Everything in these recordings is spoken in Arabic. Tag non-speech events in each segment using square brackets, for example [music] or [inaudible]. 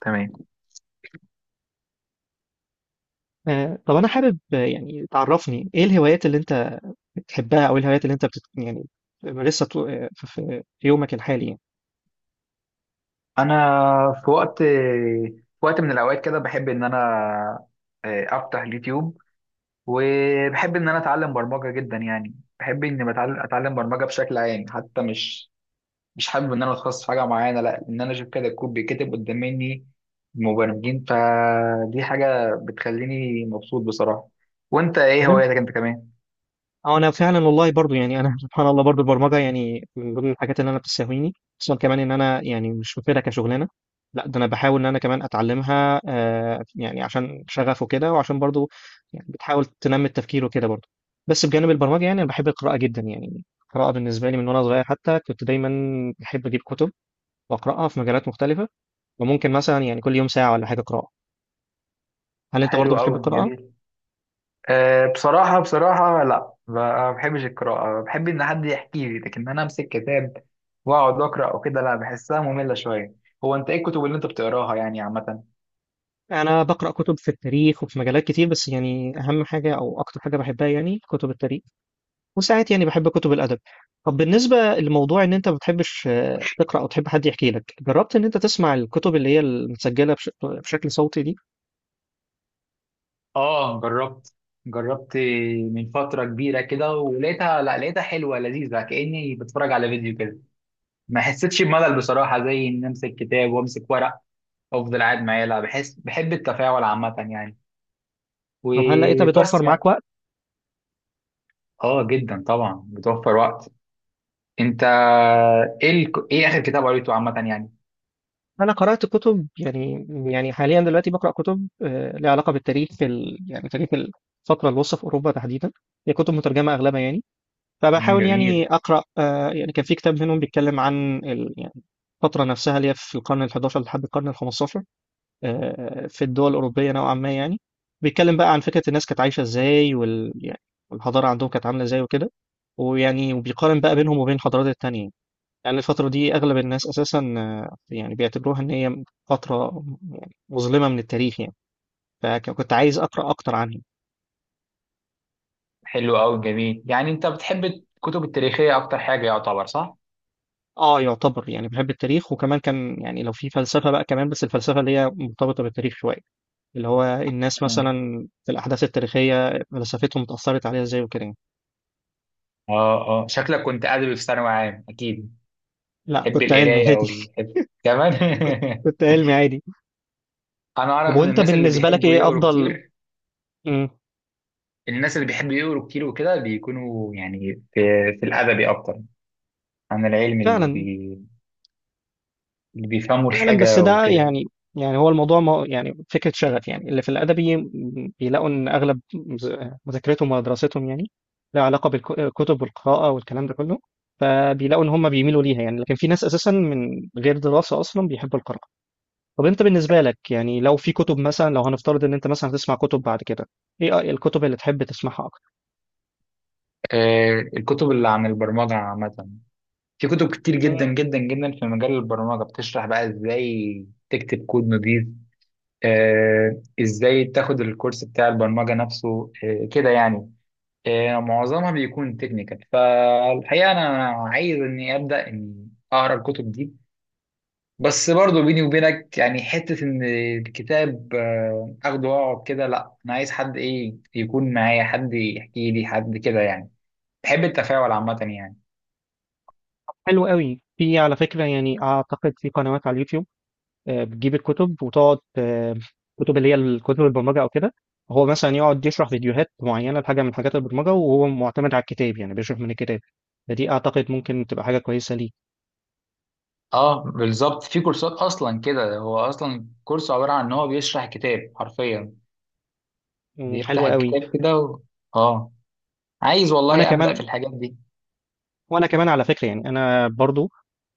تمام. طب أنا حابب تعرفني إيه الهوايات اللي أنت بتحبها، أو إيه الهوايات اللي أنت بتت... يعني بتمارسها في في يومك الحالي يعني. انا في وقت من الاوقات كده بحب ان انا افتح اليوتيوب، وبحب ان انا اتعلم برمجه جدا. يعني بحب اني اتعلم برمجه بشكل عام، حتى مش حابب ان انا اتخصص في حاجه معينه، لا، ان انا اشوف كده الكود بيتكتب قدام مني مبرمجين. فدي حاجه بتخليني مبسوط بصراحه. وانت ايه تمام. هواياتك انت كمان؟ أو أنا فعلا والله برضو يعني أنا [laughs] سبحان الله، برضو البرمجة يعني من ضمن الحاجات اللي أنا بتساويني، خصوصا كمان إن أنا يعني مش واخدها كشغلانة، لا ده أنا بحاول إن أنا كمان أتعلمها، يعني عشان شغف وكده، وعشان برضو يعني بتحاول تنمي التفكير وكده برضو. بس بجانب البرمجة يعني أنا بحب القراءة جدا، يعني القراءة بالنسبة لي من وأنا صغير حتى كنت دايما بحب أجيب كتب بقرأها في مجالات مختلفة، وممكن مثلا يعني كل يوم ساعة ولا حاجة قراءة. هل أنت حلو برضو بتحب قوي، القراءة؟ جميل. أه، بصراحة بصراحة لا، ما بحبش القراءة. بحب إن حد يحكي لي، لكن أنا أمسك كتاب وأقعد أقرأ أو كده لا، بحسها مملة شوية. هو أنت إيه الكتب اللي أنت بتقراها يعني عامة؟ أنا بقرأ كتب في التاريخ وفي مجالات كتير، بس يعني أهم حاجة أو أكتر حاجة بحبها يعني كتب التاريخ، وساعات يعني بحب كتب الأدب. طب بالنسبة لموضوع إن أنت ما بتحبش تقرأ أو تحب حد يحكي لك، جربت إن أنت تسمع الكتب اللي هي المسجلة بشكل صوتي دي؟ آه، جربت، جربت. من فترة كبيرة كده ولقيتها، لا، لقيتها حلوة لذيذة، كأني بتفرج على فيديو كده. ما حسيتش بملل بصراحة، زي إن أمسك كتاب وأمسك ورق وأفضل قاعد معاه، لا، بحس بحب التفاعل عامة يعني. طب هل لقيتها وبس بتوفر يعني. معاك وقت؟ آه جدا، طبعا بتوفر وقت. انت ايه اخر كتاب قريته عامه يعني؟ أنا قرأت كتب يعني، حاليا دلوقتي بقرأ كتب، ليها علاقة بالتاريخ، يعني تاريخ الفترة الوسطى في أوروبا تحديدا. هي كتب مترجمة أغلبها يعني، مم، فبحاول يعني جميل. اقرا، يعني كان في كتاب منهم بيتكلم عن يعني الفتره نفسها اللي هي في القرن ال11 لحد القرن ال15 في الدول الاوروبيه نوعا ما يعني. بيتكلم بقى عن فكره الناس كانت عايشه ازاي، وال يعني والحضاره عندهم كانت عامله ازاي وكده، ويعني وبيقارن بقى بينهم وبين الحضارات التانية. يعني الفترة دي أغلب الناس أساسا، يعني بيعتبروها إن هي فترة يعني مظلمة من التاريخ يعني، فكنت عايز أقرأ أكتر عنها. حلو قوي، جميل. يعني انت بتحب الكتب التاريخيه اكتر حاجه، يعتبر، صح؟ اه يعتبر، يعني بحب التاريخ، وكمان كان يعني لو في فلسفة بقى كمان، بس الفلسفة اللي هي مرتبطة بالتاريخ شوية، اللي هو الناس مم. مثلا في الأحداث التاريخية فلسفتهم اتأثرت عليها ازاي وكده يعني. اه، اه، شكلك كنت ادبي في ثانوي عام، اكيد لا تحب كنت علمي القرايه عادي. والحفظ كمان. [laughs] كنت علمي عادي. [laughs] انا طب اعرف ان وانت الناس اللي بالنسبة لك بيحبوا ايه يقروا أفضل؟ كتير، مم. الناس اللي بيحبوا يقروا كتير وكده، بيكونوا يعني في الادبي اكتر عن العلم، اللي، فعلا. اللي بيفهموا فعلا بس الحاجه ده وكده. يعني، يعني هو الموضوع ما يعني فكرة شغف، يعني اللي في الأدبي بيلاقوا إن أغلب مذاكرتهم ودراستهم يعني لها علاقة بالكتب والقراءة والكلام ده كله، فبيلاقوا إن هم بيميلوا ليها يعني. لكن في ناس أساسا من غير دراسة أصلا بيحبوا القراءة. طب أنت بالنسبة لك يعني لو في كتب مثلا، لو هنفترض إن أنت مثلا هتسمع كتب بعد كده، إيه الكتب اللي تحب تسمعها أكتر؟ آه، الكتب اللي عن البرمجه عامه. في كتب كتير جدا مم. جدا جدا في مجال البرمجة، بتشرح بقى ازاي تكتب كود نظيف. ازاي تاخد الكورس بتاع البرمجة نفسه، كده يعني. معظمها بيكون تكنيكال. فالحقيقة انا عايز اني ابدأ اني اقرا الكتب دي. بس برضو بيني وبينك، يعني حتة ان الكتاب اخده واقعد كده، لا، انا عايز حد، ايه، يكون معايا، حد يحكي لي، حد كده يعني. بحب التفاعل عامة يعني. حلو قوي. في، على فكرة يعني، أعتقد في قنوات على اليوتيوب بتجيب الكتب وتقعد، الكتب اللي هي الكتب البرمجه او كده. هو مثلا يقعد يشرح فيديوهات معينه لحاجه من حاجات البرمجه، وهو معتمد على الكتاب يعني بيشرح من الكتاب. فدي اعتقد ممكن تبقى حاجه كويسه ليك، اه، بالظبط، في كورسات اصلا كده. هو اصلا كورس عباره عن ان هو بيشرح كتاب حرفيا، بيفتح وحلوه قوي. الكتاب كده و... اه، عايز وانا والله ابدا كمان في الحاجات دي. وانا كمان على فكره يعني، انا برضو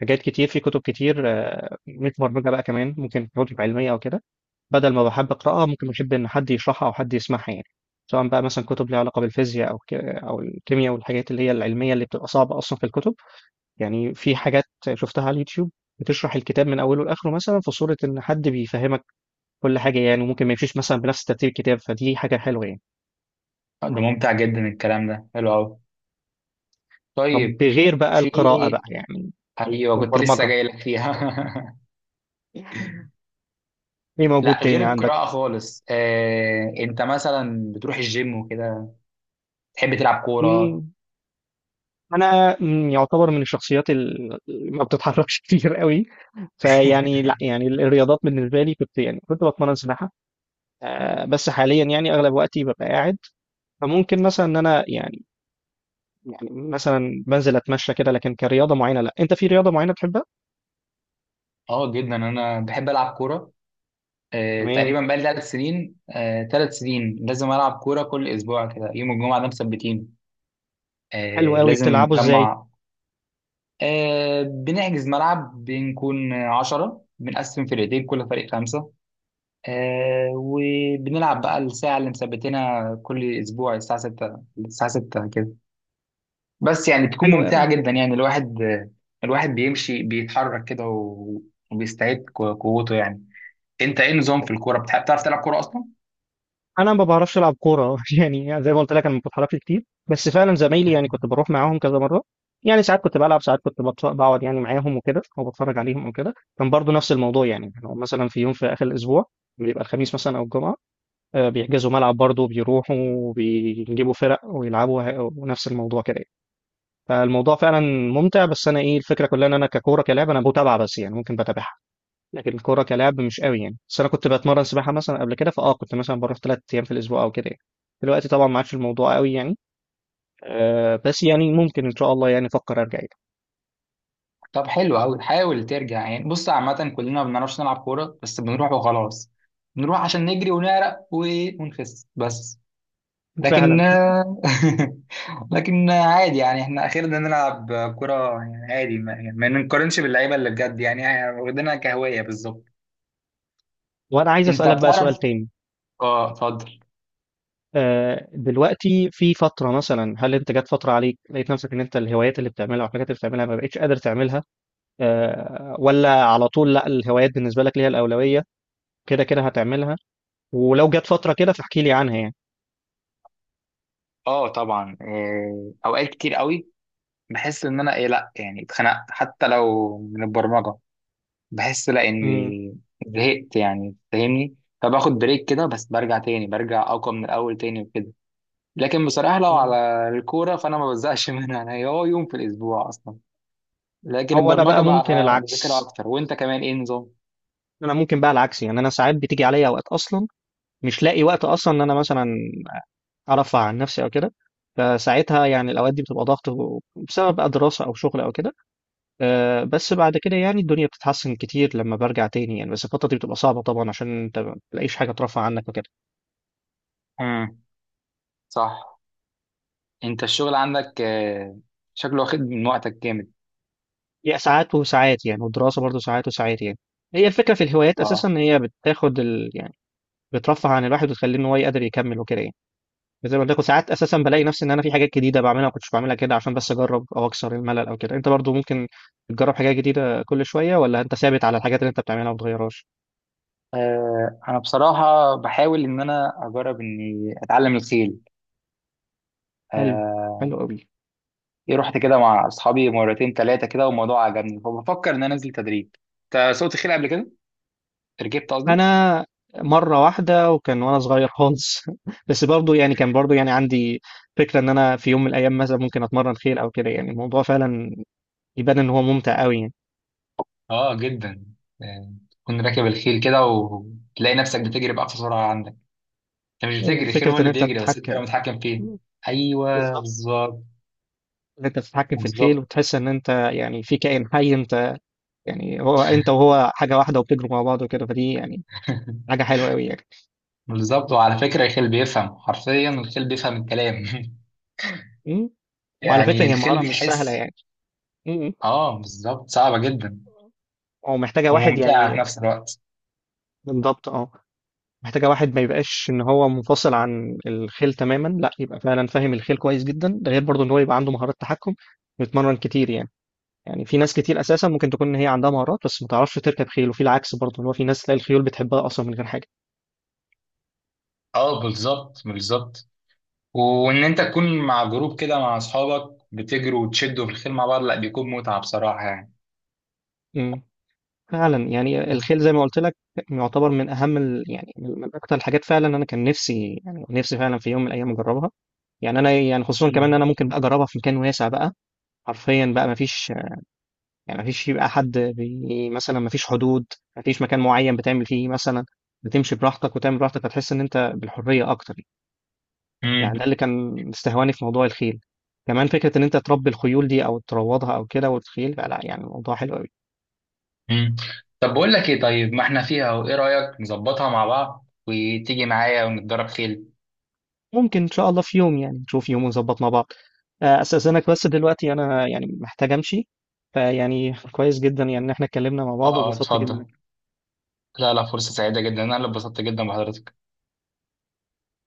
حاجات كتير في كتب كتير، مش برمجه بقى كمان، ممكن كتب علميه او كده، بدل ما بحب اقراها ممكن بحب ان حد يشرحها او حد يسمعها يعني، سواء بقى مثلا كتب ليها علاقه بالفيزياء او الكيمياء والحاجات اللي هي العلميه اللي بتبقى صعبه اصلا في الكتب. يعني في حاجات شفتها على اليوتيوب بتشرح الكتاب من اوله لاخره، مثلا في صوره ان حد بيفهمك كل حاجه يعني، وممكن ما يمشيش مثلا بنفس ترتيب الكتاب، فدي حاجه حلوه يعني. ده ممتع جدا، الكلام ده حلو قوي. طب طيب، بغير بقى في... القراءه بقى يعني، ايوه، كنت لسه والبرمجه، جاي لك فيها. [laughs] ايه [laughs] موجود لا، غير تاني عندك؟ القراءه خالص، انت مثلا بتروح الجيم وكده؟ تحب تلعب كوره؟ مم، انا مم، يعتبر من الشخصيات اللي ما بتتحركش [laughs] كتير قوي. فيعني لا، [laughs] يعني الرياضات بالنسبه لي كنت يعني كنت بتمرن سباحه، بس حاليا يعني اغلب وقتي ببقى قاعد. فممكن مثلا ان انا يعني، يعني مثلا بنزل اتمشى كده، لكن كرياضه معينه لا. انت في رياضه معينه بتحبها؟ اه جدا، انا بحب العب كوره. تمام. تقريبا بقالي 3 سنين، 3 سنين لازم العب كوره كل اسبوع، كده يوم الجمعه ده مثبتين. حلو قوي. لازم بتلعبه ازاي؟ نجمع. بنحجز ملعب، بنكون 10، بنقسم فرقتين، كل فريق 5. وبنلعب بقى الساعة اللي مثبتينها كل أسبوع، الساعة 6، الساعة 6 كده. بس يعني بتكون حلو ممتعة قوي. جدا. يعني الواحد بيمشي بيتحرك كده و- وبيستعيد قوته يعني. أنت إيه نظام في الكورة، بتحب، تعرف تلعب كورة أصلا؟ انا ما بعرفش العب كوره، [laughs] يعني زي ما قلت لك انا ما بتحركش كتير، بس فعلا زمايلي يعني كنت بروح معاهم كذا مره، يعني ساعات كنت بلعب، ساعات كنت بقعد يعني معاهم وكده، او بتفرج عليهم او كده. كان برضو نفس الموضوع يعني، لو مثلا في يوم في اخر الاسبوع بيبقى الخميس مثلا او الجمعه، بيحجزوا ملعب برضو، بيروحوا وبيجيبوا فرق ويلعبوا، ونفس الموضوع كده. فالموضوع فعلا ممتع، بس انا ايه الفكره كلها، ان انا ككوره كلاعب انا بتابعه، بس يعني ممكن بتابعها، لكن الكوره كلاعب مش قوي يعني. بس انا كنت بتمرن سباحه مثلا قبل كده، فاه كنت مثلا بروح 3 ايام في الاسبوع او كده يعني. دلوقتي طبعا ما عادش الموضوع قوي يعني، آه، بس يعني ممكن ان شاء الله يعني افكر ارجع يعني. طب حلو قوي، حاول ترجع يعني. بص، عامة كلنا ما بنعرفش نلعب كورة، بس بنروح وخلاص. بنروح عشان نجري ونعرق ونخس بس. [laughs] لكن فعلا. [laughs] لكن عادي يعني، احنا اخيرا نلعب كرة. يعني عادي، ما نقارنش باللعيبة اللي بجد. يعني احنا واخدينها كهواية بالظبط. وانا عايز انت اسالك بقى سؤال بتعرف؟ تاني. اه، اتفضل. آه، دلوقتي في فتره مثلا، هل انت جت فتره عليك لقيت نفسك ان انت الهوايات اللي بتعملها والحاجات اللي بتعملها ما بقتش قادر تعملها، آه ولا على طول لا الهوايات بالنسبه لك ليها الاولويه كده كده هتعملها؟ ولو جت فترة كده فاحكي لي عنها يعني. اه طبعا، اوقات كتير قوي بحس ان انا، ايه، لا يعني، اتخنقت حتى لو من البرمجة. بحس لا، امم. اني زهقت يعني، فاهمني؟ فباخد بريك كده، بس برجع تاني، برجع اقوى من الاول تاني وكده. لكن بصراحه لو مم. على الكوره فانا ما بزهقش [laughs] منها. انا هي، هو يوم في الاسبوع اصلا. لكن هو انا البرمجه بقى ممكن بقى مذاكره العكس. اكتر. وانت كمان ايه نظام؟ انا ممكن بقى العكس يعني، انا ساعات بتيجي عليا اوقات اصلا مش لاقي وقت اصلا ان انا مثلا ارفع عن نفسي او كده، فساعتها يعني الاوقات دي بتبقى ضغط بسبب بقى دراسه او شغل او كده. آه، بس بعد كده يعني الدنيا بتتحسن كتير لما برجع تاني يعني، بس الفتره دي بتبقى صعبه طبعا عشان انت ما بتلاقيش حاجه ترفع عنك وكده. امم. صح. انت الشغل عندك، شكله واخد من وقتك جامد. هي ساعات وساعات يعني، والدراسه برضو ساعات وساعات يعني. هي الفكره في الهوايات اساسا اه، ان هي بترفه عن الواحد وتخليه ان هو يقدر يكمل وكده يعني. بس زي ما قلت لكم ساعات اساسا بلاقي نفسي ان انا في حاجات جديده بعملها ما كنتش بعملها كده، عشان بس اجرب او اكسر الملل او كده. انت برضو ممكن تجرب حاجات جديده كل شويه، ولا انت ثابت على الحاجات اللي انت بتعملها وما بتغيرهاش؟ انا بصراحه بحاول ان انا اجرب اني اتعلم الخيل. حلو. آه، حلو قوي. رحت كده مع اصحابي مرتين ثلاثه كده، والموضوع عجبني، فبفكر ان انا انزل تدريب. انت سوقت خيل قبل كده؟ ركبت قصدي. انا مره واحده، وكان وانا صغير خالص، [laughs] بس برضو يعني كان برضو يعني عندي فكره ان انا في يوم من الايام مثلا ممكن اتمرن خيل او كده. يعني الموضوع فعلا يبان ان هو ممتع قوي يعني. اه جدا. يعني تكون راكب الخيل كده وتلاقي نفسك بتجري بأقصى سرعة عندك. انت مش بتجري، الخيل وفكره هو ان اللي انت بيجري، بس انت تتحكم. اللي متحكم فيه. ايوه، بالظبط، بالظبط، اللي انت بتتحكم في الخيل بالظبط. وتحس ان انت يعني في كائن حي، انت يعني هو انت وهو حاجه واحده وبتجروا مع بعض وكده، فدي يعني حاجه [laughs] حلوه قوي يعني. بالظبط. وعلى فكرة، الخيل بيفهم، حرفيا الخيل بيفهم الكلام. [laughs] م؟ وعلى فكره يعني هي الخيل مهاره مش سهله بيحس. يعني. م. اه بالظبط، صعبة جدا ومحتاجه واحد وممتعة يعني. في نفس الوقت. بالضبط اه. محتاجه واحد ما يبقاش ان هو منفصل عن الخيل تماما، لا يبقى فعلا فاهم الخيل كويس جدا، ده غير برضه ان هو يبقى عنده مهارات تحكم بيتمرن كتير يعني. يعني في ناس كتير اساسا ممكن تكون ان هي عندها مهارات بس ما تعرفش تركب خيل، وفي العكس برضه ان هو في ناس تلاقي الخيول بتحبها اصلا من غير حاجه. اه بالظبط، بالظبط. وان انت تكون مع جروب كده مع اصحابك، بتجروا وتشدوا في الخيل مع بعض، لا، بيكون متعة بصراحة يعني. م. فعلا يعني بس. الخيل زي ما قلت لك يعتبر من اهم يعني من اكتر الحاجات فعلا، انا كان نفسي يعني نفسي فعلا في يوم من الايام اجربها. يعني انا يعني خصوصا كمان ان مم. انا ممكن بقى اجربها في مكان واسع بقى، حرفيا بقى ما فيش يعني، ما فيش يبقى حد مثلا ما فيش حدود، ما فيش مكان معين بتعمل فيه مثلا، بتمشي براحتك وتعمل براحتك، هتحس ان انت بالحريه اكتر. يعني مم. ده اللي كان استهواني في موضوع الخيل، كمان فكره ان انت تربي الخيول دي او تروضها او كده، والخيل لا يعني الموضوع حلو قوي. مم. طب بقول لك ايه، طيب، ما احنا فيها، وايه رأيك نظبطها مع بعض وتيجي معايا ونتدرب خيل؟ ممكن إن شاء الله في يوم، يعني نشوف يوم ونظبط مع بعض. أستأذنك بس دلوقتي أنا يعني محتاج أمشي، فيعني كويس جدا يعني إن إحنا اتكلمنا مع اه، بعض اه، وبسطت جدا. اتفضل. لا، لا، فرصة سعيدة جدا، انا اللي اتبسطت جدا بحضرتك.